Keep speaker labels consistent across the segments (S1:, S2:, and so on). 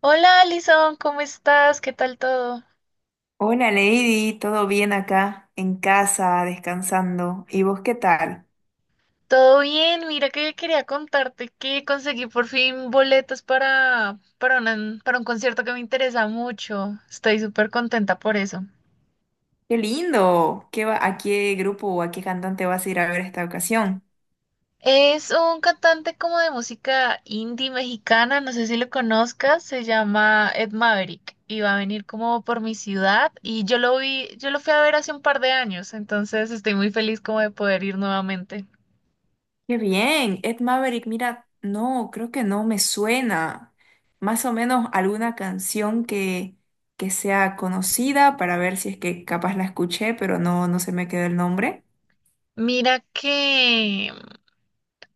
S1: Hola Alison, ¿cómo estás? ¿Qué tal todo?
S2: Hola Lady, ¿todo bien acá en casa, descansando? ¿Y vos qué tal?
S1: Todo bien, mira que quería contarte que conseguí por fin boletos para un concierto que me interesa mucho. Estoy súper contenta por eso.
S2: ¡Qué lindo! ¿Qué va, a qué grupo o a qué cantante vas a ir a ver esta ocasión?
S1: Es un cantante como de música indie mexicana, no sé si lo conozcas, se llama Ed Maverick y va a venir como por mi ciudad y yo lo vi, yo lo fui a ver hace un par de años, entonces estoy muy feliz como de poder ir nuevamente.
S2: ¡Qué bien! Ed Maverick, mira, no, creo que no me suena. Más o menos alguna canción que sea conocida para ver si es que capaz la escuché, pero no, no se me quedó el nombre.
S1: Mira que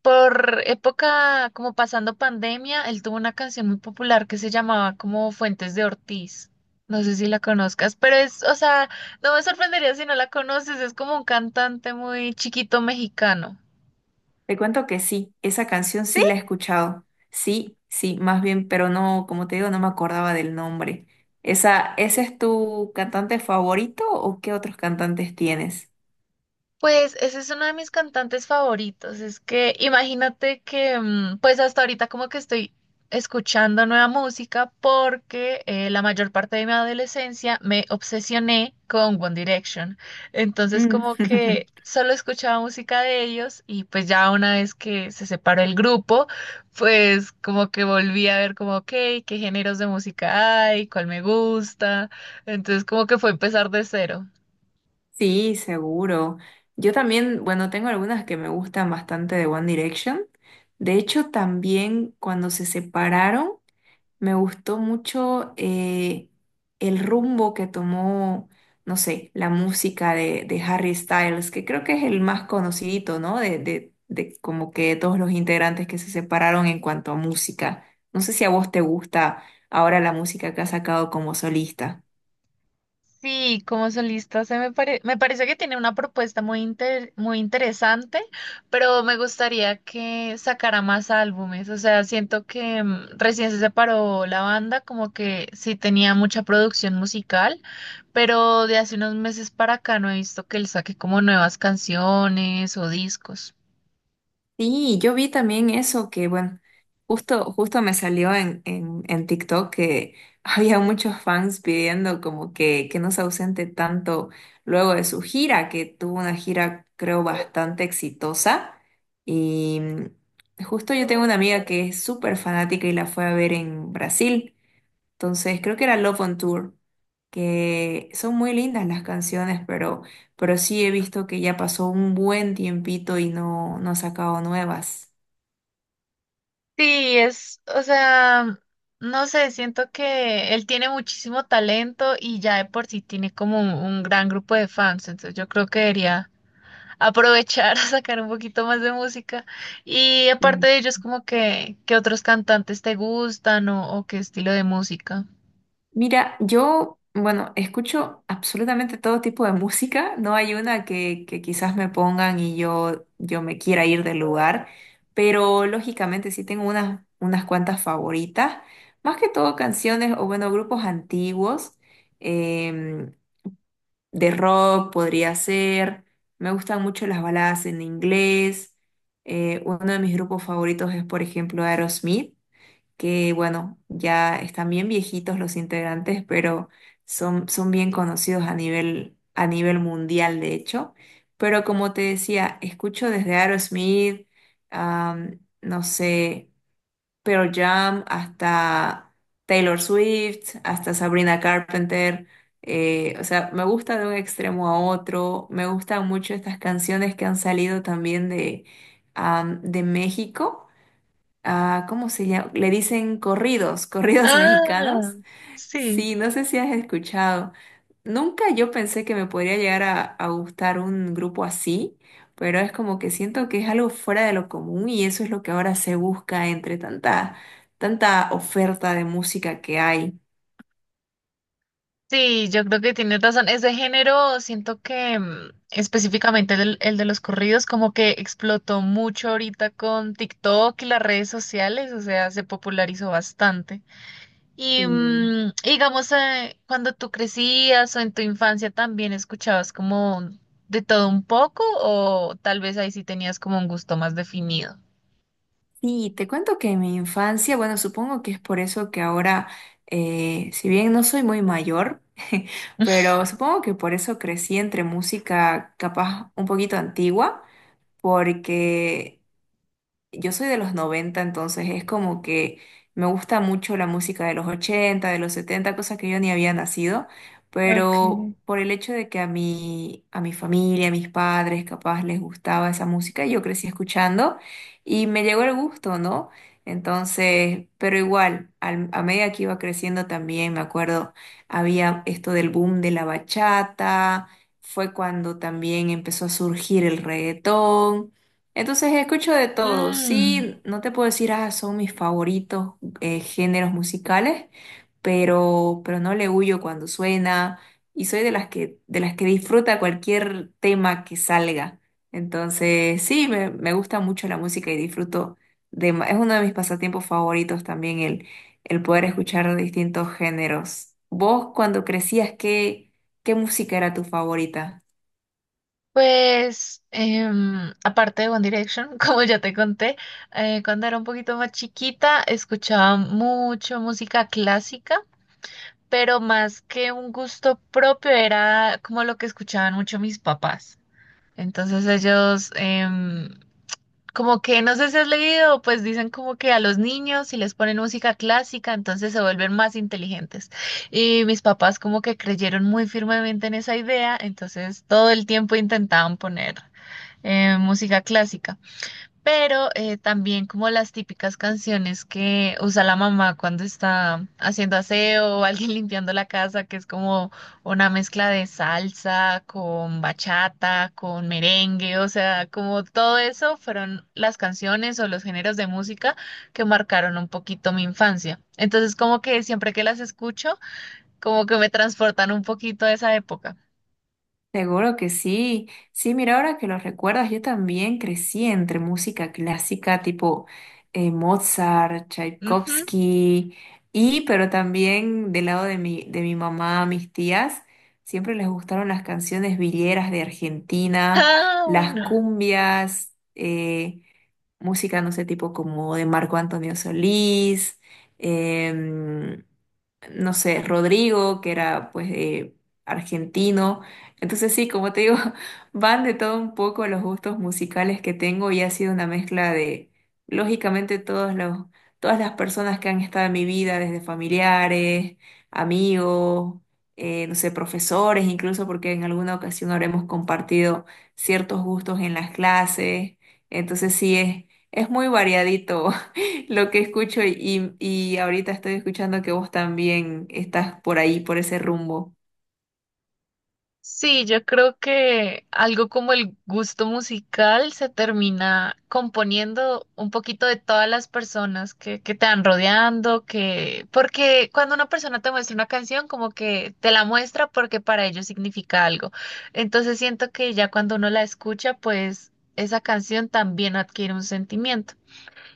S1: Por época, como pasando pandemia, él tuvo una canción muy popular que se llamaba como Fuentes de Ortiz. No sé si la conozcas, pero es, o sea, no me sorprendería si no la conoces, es como un cantante muy chiquito mexicano.
S2: Te cuento que sí, esa canción sí la he escuchado. Sí, sí, más bien, pero no, como te digo, no me acordaba del nombre. Esa, ¿ese es tu cantante favorito o qué otros cantantes tienes?
S1: Pues ese es uno de mis cantantes favoritos. Es que imagínate que, pues hasta ahorita como que estoy escuchando nueva música porque la mayor parte de mi adolescencia me obsesioné con One Direction. Entonces
S2: Mm.
S1: como que solo escuchaba música de ellos y pues ya una vez que se separó el grupo, pues como que volví a ver como, ok, qué géneros de música hay, cuál me gusta. Entonces como que fue empezar de cero.
S2: Sí, seguro. Yo también, bueno, tengo algunas que me gustan bastante de One Direction. De hecho, también cuando se separaron, me gustó mucho el rumbo que tomó, no sé, la música de Harry Styles, que creo que es el más conocidito, ¿no? De como que todos los integrantes que se separaron en cuanto a música. No sé si a vos te gusta ahora la música que ha sacado como solista.
S1: Sí, como solista me parece que tiene una propuesta muy interesante, pero me gustaría que sacara más álbumes. O sea, siento que recién se separó la banda, como que sí tenía mucha producción musical, pero de hace unos meses para acá no he visto que él saque como nuevas canciones o discos.
S2: Sí, yo vi también eso que, bueno, justo me salió en TikTok que había muchos fans pidiendo como que no se ausente tanto luego de su gira, que tuvo una gira creo bastante exitosa. Y justo yo tengo una amiga que es súper fanática y la fue a ver en Brasil. Entonces, creo que era Love on Tour, que son muy lindas las canciones, pero sí he visto que ya pasó un buen tiempito y no, no ha sacado nuevas.
S1: Sí, es, o sea, no sé, siento que él tiene muchísimo talento y ya de por sí tiene como un gran grupo de fans, entonces yo creo que debería aprovechar a sacar un poquito más de música. Y aparte
S2: Mm.
S1: de ellos, como que, ¿qué otros cantantes te gustan o qué estilo de música?
S2: Mira, yo, bueno, escucho absolutamente todo tipo de música, no hay una que quizás me pongan y yo me quiera ir del lugar, pero lógicamente sí tengo unas cuantas favoritas, más que todo canciones o bueno, grupos antiguos. em, de rock podría ser. Me gustan mucho las baladas en inglés. Uno de mis grupos favoritos es, por ejemplo, Aerosmith, que bueno, ya están bien viejitos los integrantes, pero son, son bien conocidos a a nivel mundial, de hecho. Pero como te decía, escucho desde Aerosmith, no sé. Pearl Jam, hasta Taylor Swift, hasta Sabrina Carpenter. O sea, me gusta de un extremo a otro. Me gustan mucho estas canciones que han salido también de, de México. Ah, ¿cómo se llama? Le dicen corridos, corridos
S1: Ah,
S2: mexicanos.
S1: sí.
S2: Sí, no sé si has escuchado. Nunca yo pensé que me podría llegar a gustar un grupo así, pero es como que siento que es algo fuera de lo común y eso es lo que ahora se busca entre tanta, tanta oferta de música que hay.
S1: Sí, yo creo que tienes razón. Ese género, siento que específicamente el de los corridos, como que explotó mucho ahorita con TikTok y las redes sociales, o sea, se popularizó bastante. Y
S2: Mm.
S1: digamos, cuando tú crecías o en tu infancia también escuchabas como de todo un poco, o tal vez ahí sí tenías como un gusto más definido.
S2: Sí, te cuento que en mi infancia, bueno, supongo que es por eso que ahora, si bien no soy muy mayor, pero supongo que por eso crecí entre música capaz un poquito antigua, porque… Yo soy de los noventa, entonces es como que me gusta mucho la música de los ochenta, de los setenta, cosas que yo ni había nacido,
S1: Ok.
S2: pero por el hecho de que a mi familia, a mis padres, capaz les gustaba esa música, yo crecí escuchando y me llegó el gusto, ¿no? Entonces, pero igual, a medida que iba creciendo también, me acuerdo, había esto del boom de la bachata, fue cuando también empezó a surgir el reggaetón. Entonces escucho de todo.
S1: Mm,
S2: Sí, no te puedo decir, ah, son mis favoritos géneros musicales, pero no le huyo cuando suena y soy de las de las que disfruta cualquier tema que salga. Entonces, sí, me gusta mucho la música y disfruto de, es uno de mis pasatiempos favoritos también el poder escuchar distintos géneros. ¿Vos cuando crecías, qué música era tu favorita?
S1: pues, aparte de One Direction, como ya te conté, cuando era un poquito más chiquita escuchaba mucho música clásica, pero más que un gusto propio era como lo que escuchaban mucho mis papás. Entonces ellos, como que, no sé si has leído, pues dicen como que a los niños si les ponen música clásica, entonces se vuelven más inteligentes. Y mis papás como que creyeron muy firmemente en esa idea, entonces todo el tiempo intentaban poner música clásica, pero también como las típicas canciones que usa la mamá cuando está haciendo aseo o alguien limpiando la casa, que es como una mezcla de salsa con bachata, con merengue, o sea, como todo eso fueron las canciones o los géneros de música que marcaron un poquito mi infancia. Entonces, como que siempre que las escucho, como que me transportan un poquito a esa época.
S2: Seguro que sí. Sí, mira, ahora que lo recuerdas, yo también crecí entre música clásica tipo Mozart,
S1: Ujú.
S2: Tchaikovsky, y pero también del lado de mi mamá, mis tías, siempre les gustaron las canciones villeras de Argentina,
S1: Ah,
S2: las
S1: bueno.
S2: cumbias, música, no sé, tipo como de Marco Antonio Solís. em, no sé, Rodrigo, que era pues argentino. Entonces sí, como te digo, van de todo un poco los gustos musicales que tengo y ha sido una mezcla de, lógicamente, todos los, todas las personas que han estado en mi vida, desde familiares, amigos, no sé, profesores, incluso porque en alguna ocasión habremos compartido ciertos gustos en las clases. Entonces sí, es muy variadito. Lo que escucho. Y ahorita estoy escuchando que vos también estás por ahí, por ese rumbo.
S1: Sí, yo creo que algo como el gusto musical se termina componiendo un poquito de todas las personas que te van rodeando, que, porque cuando una persona te muestra una canción, como que te la muestra porque para ellos significa algo. Entonces siento que ya cuando uno la escucha, pues esa canción también adquiere un sentimiento.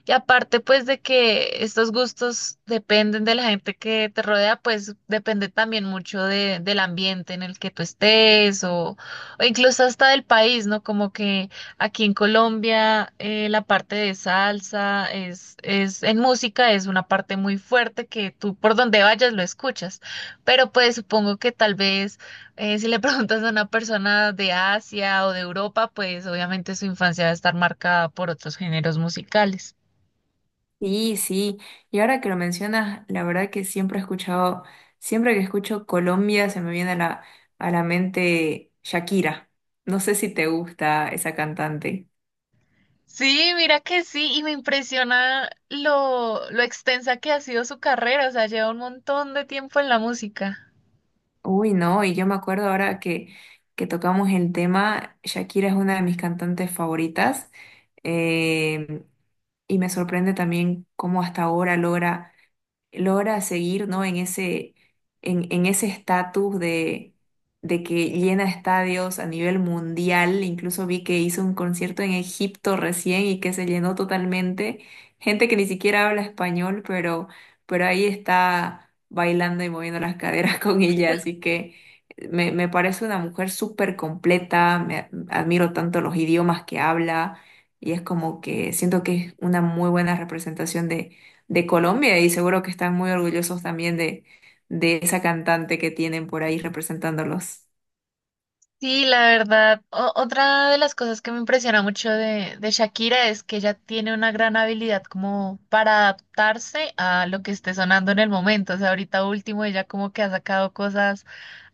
S1: Y aparte, pues, de que estos gustos dependen de la gente que te rodea, pues depende también mucho del ambiente en el que tú estés o incluso hasta del país, ¿no? Como que aquí en Colombia la parte de salsa es, en música es una parte muy fuerte que tú por donde vayas lo escuchas. Pero pues supongo que tal vez si le preguntas a una persona de Asia o de Europa, pues obviamente su infancia va a estar marcada por otros géneros musicales.
S2: Sí, sí. Y ahora que lo mencionas, la verdad que siempre he escuchado, siempre que escucho Colombia se me viene a a la mente Shakira. No sé si te gusta esa cantante.
S1: Sí, mira que sí, y me impresiona lo extensa que ha sido su carrera, o sea, lleva un montón de tiempo en la música.
S2: Uy, no, y yo me acuerdo ahora que tocamos el tema, Shakira es una de mis cantantes favoritas. Eh, y me sorprende también cómo hasta ahora logra logra seguir, ¿no? En ese, en ese estatus de que llena estadios a nivel mundial. Incluso vi que hizo un concierto en Egipto recién y que se llenó totalmente. Gente que ni siquiera habla español, pero ahí está bailando y moviendo las caderas con ella. Así que me parece una mujer súper completa. Me admiro tanto los idiomas que habla. Y es como que siento que es una muy buena representación de Colombia y seguro que están muy orgullosos también de esa cantante que tienen por ahí representándolos.
S1: Sí, la verdad, otra de las cosas que me impresiona mucho de Shakira es que ella tiene una gran habilidad como para adaptarse a lo que esté sonando en el momento, o sea, ahorita último ella como que ha sacado cosas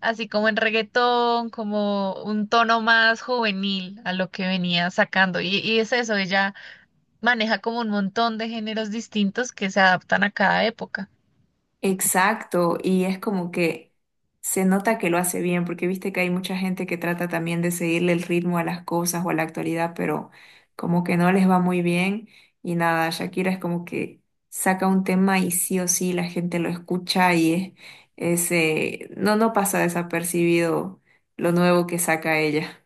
S1: así como en reggaetón, como un tono más juvenil a lo que venía sacando, y es eso, ella... Maneja como un montón de géneros distintos que se adaptan a cada época.
S2: Exacto, y es como que se nota que lo hace bien, porque viste que hay mucha gente que trata también de seguirle el ritmo a las cosas o a la actualidad, pero como que no les va muy bien y nada, Shakira es como que saca un tema y sí o sí la gente lo escucha y es, no, no pasa desapercibido lo nuevo que saca ella.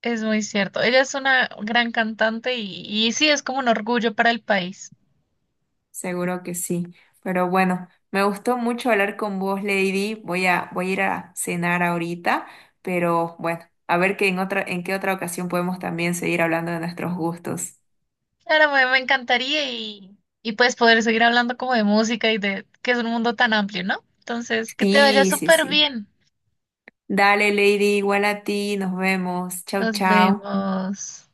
S1: Es muy cierto. Ella es una gran cantante y sí, es como un orgullo para el país.
S2: Seguro que sí. Pero bueno, me gustó mucho hablar con vos, Lady. Voy a ir a cenar ahorita, pero bueno, a ver que en otra, en qué otra ocasión podemos también seguir hablando de nuestros gustos.
S1: Claro, me encantaría y pues poder seguir hablando como de música y de que es un mundo tan amplio, ¿no? Entonces, que te vaya
S2: Sí, sí,
S1: súper
S2: sí.
S1: bien.
S2: Dale, Lady, igual a ti, nos vemos. Chau,
S1: Nos
S2: chau.
S1: vemos.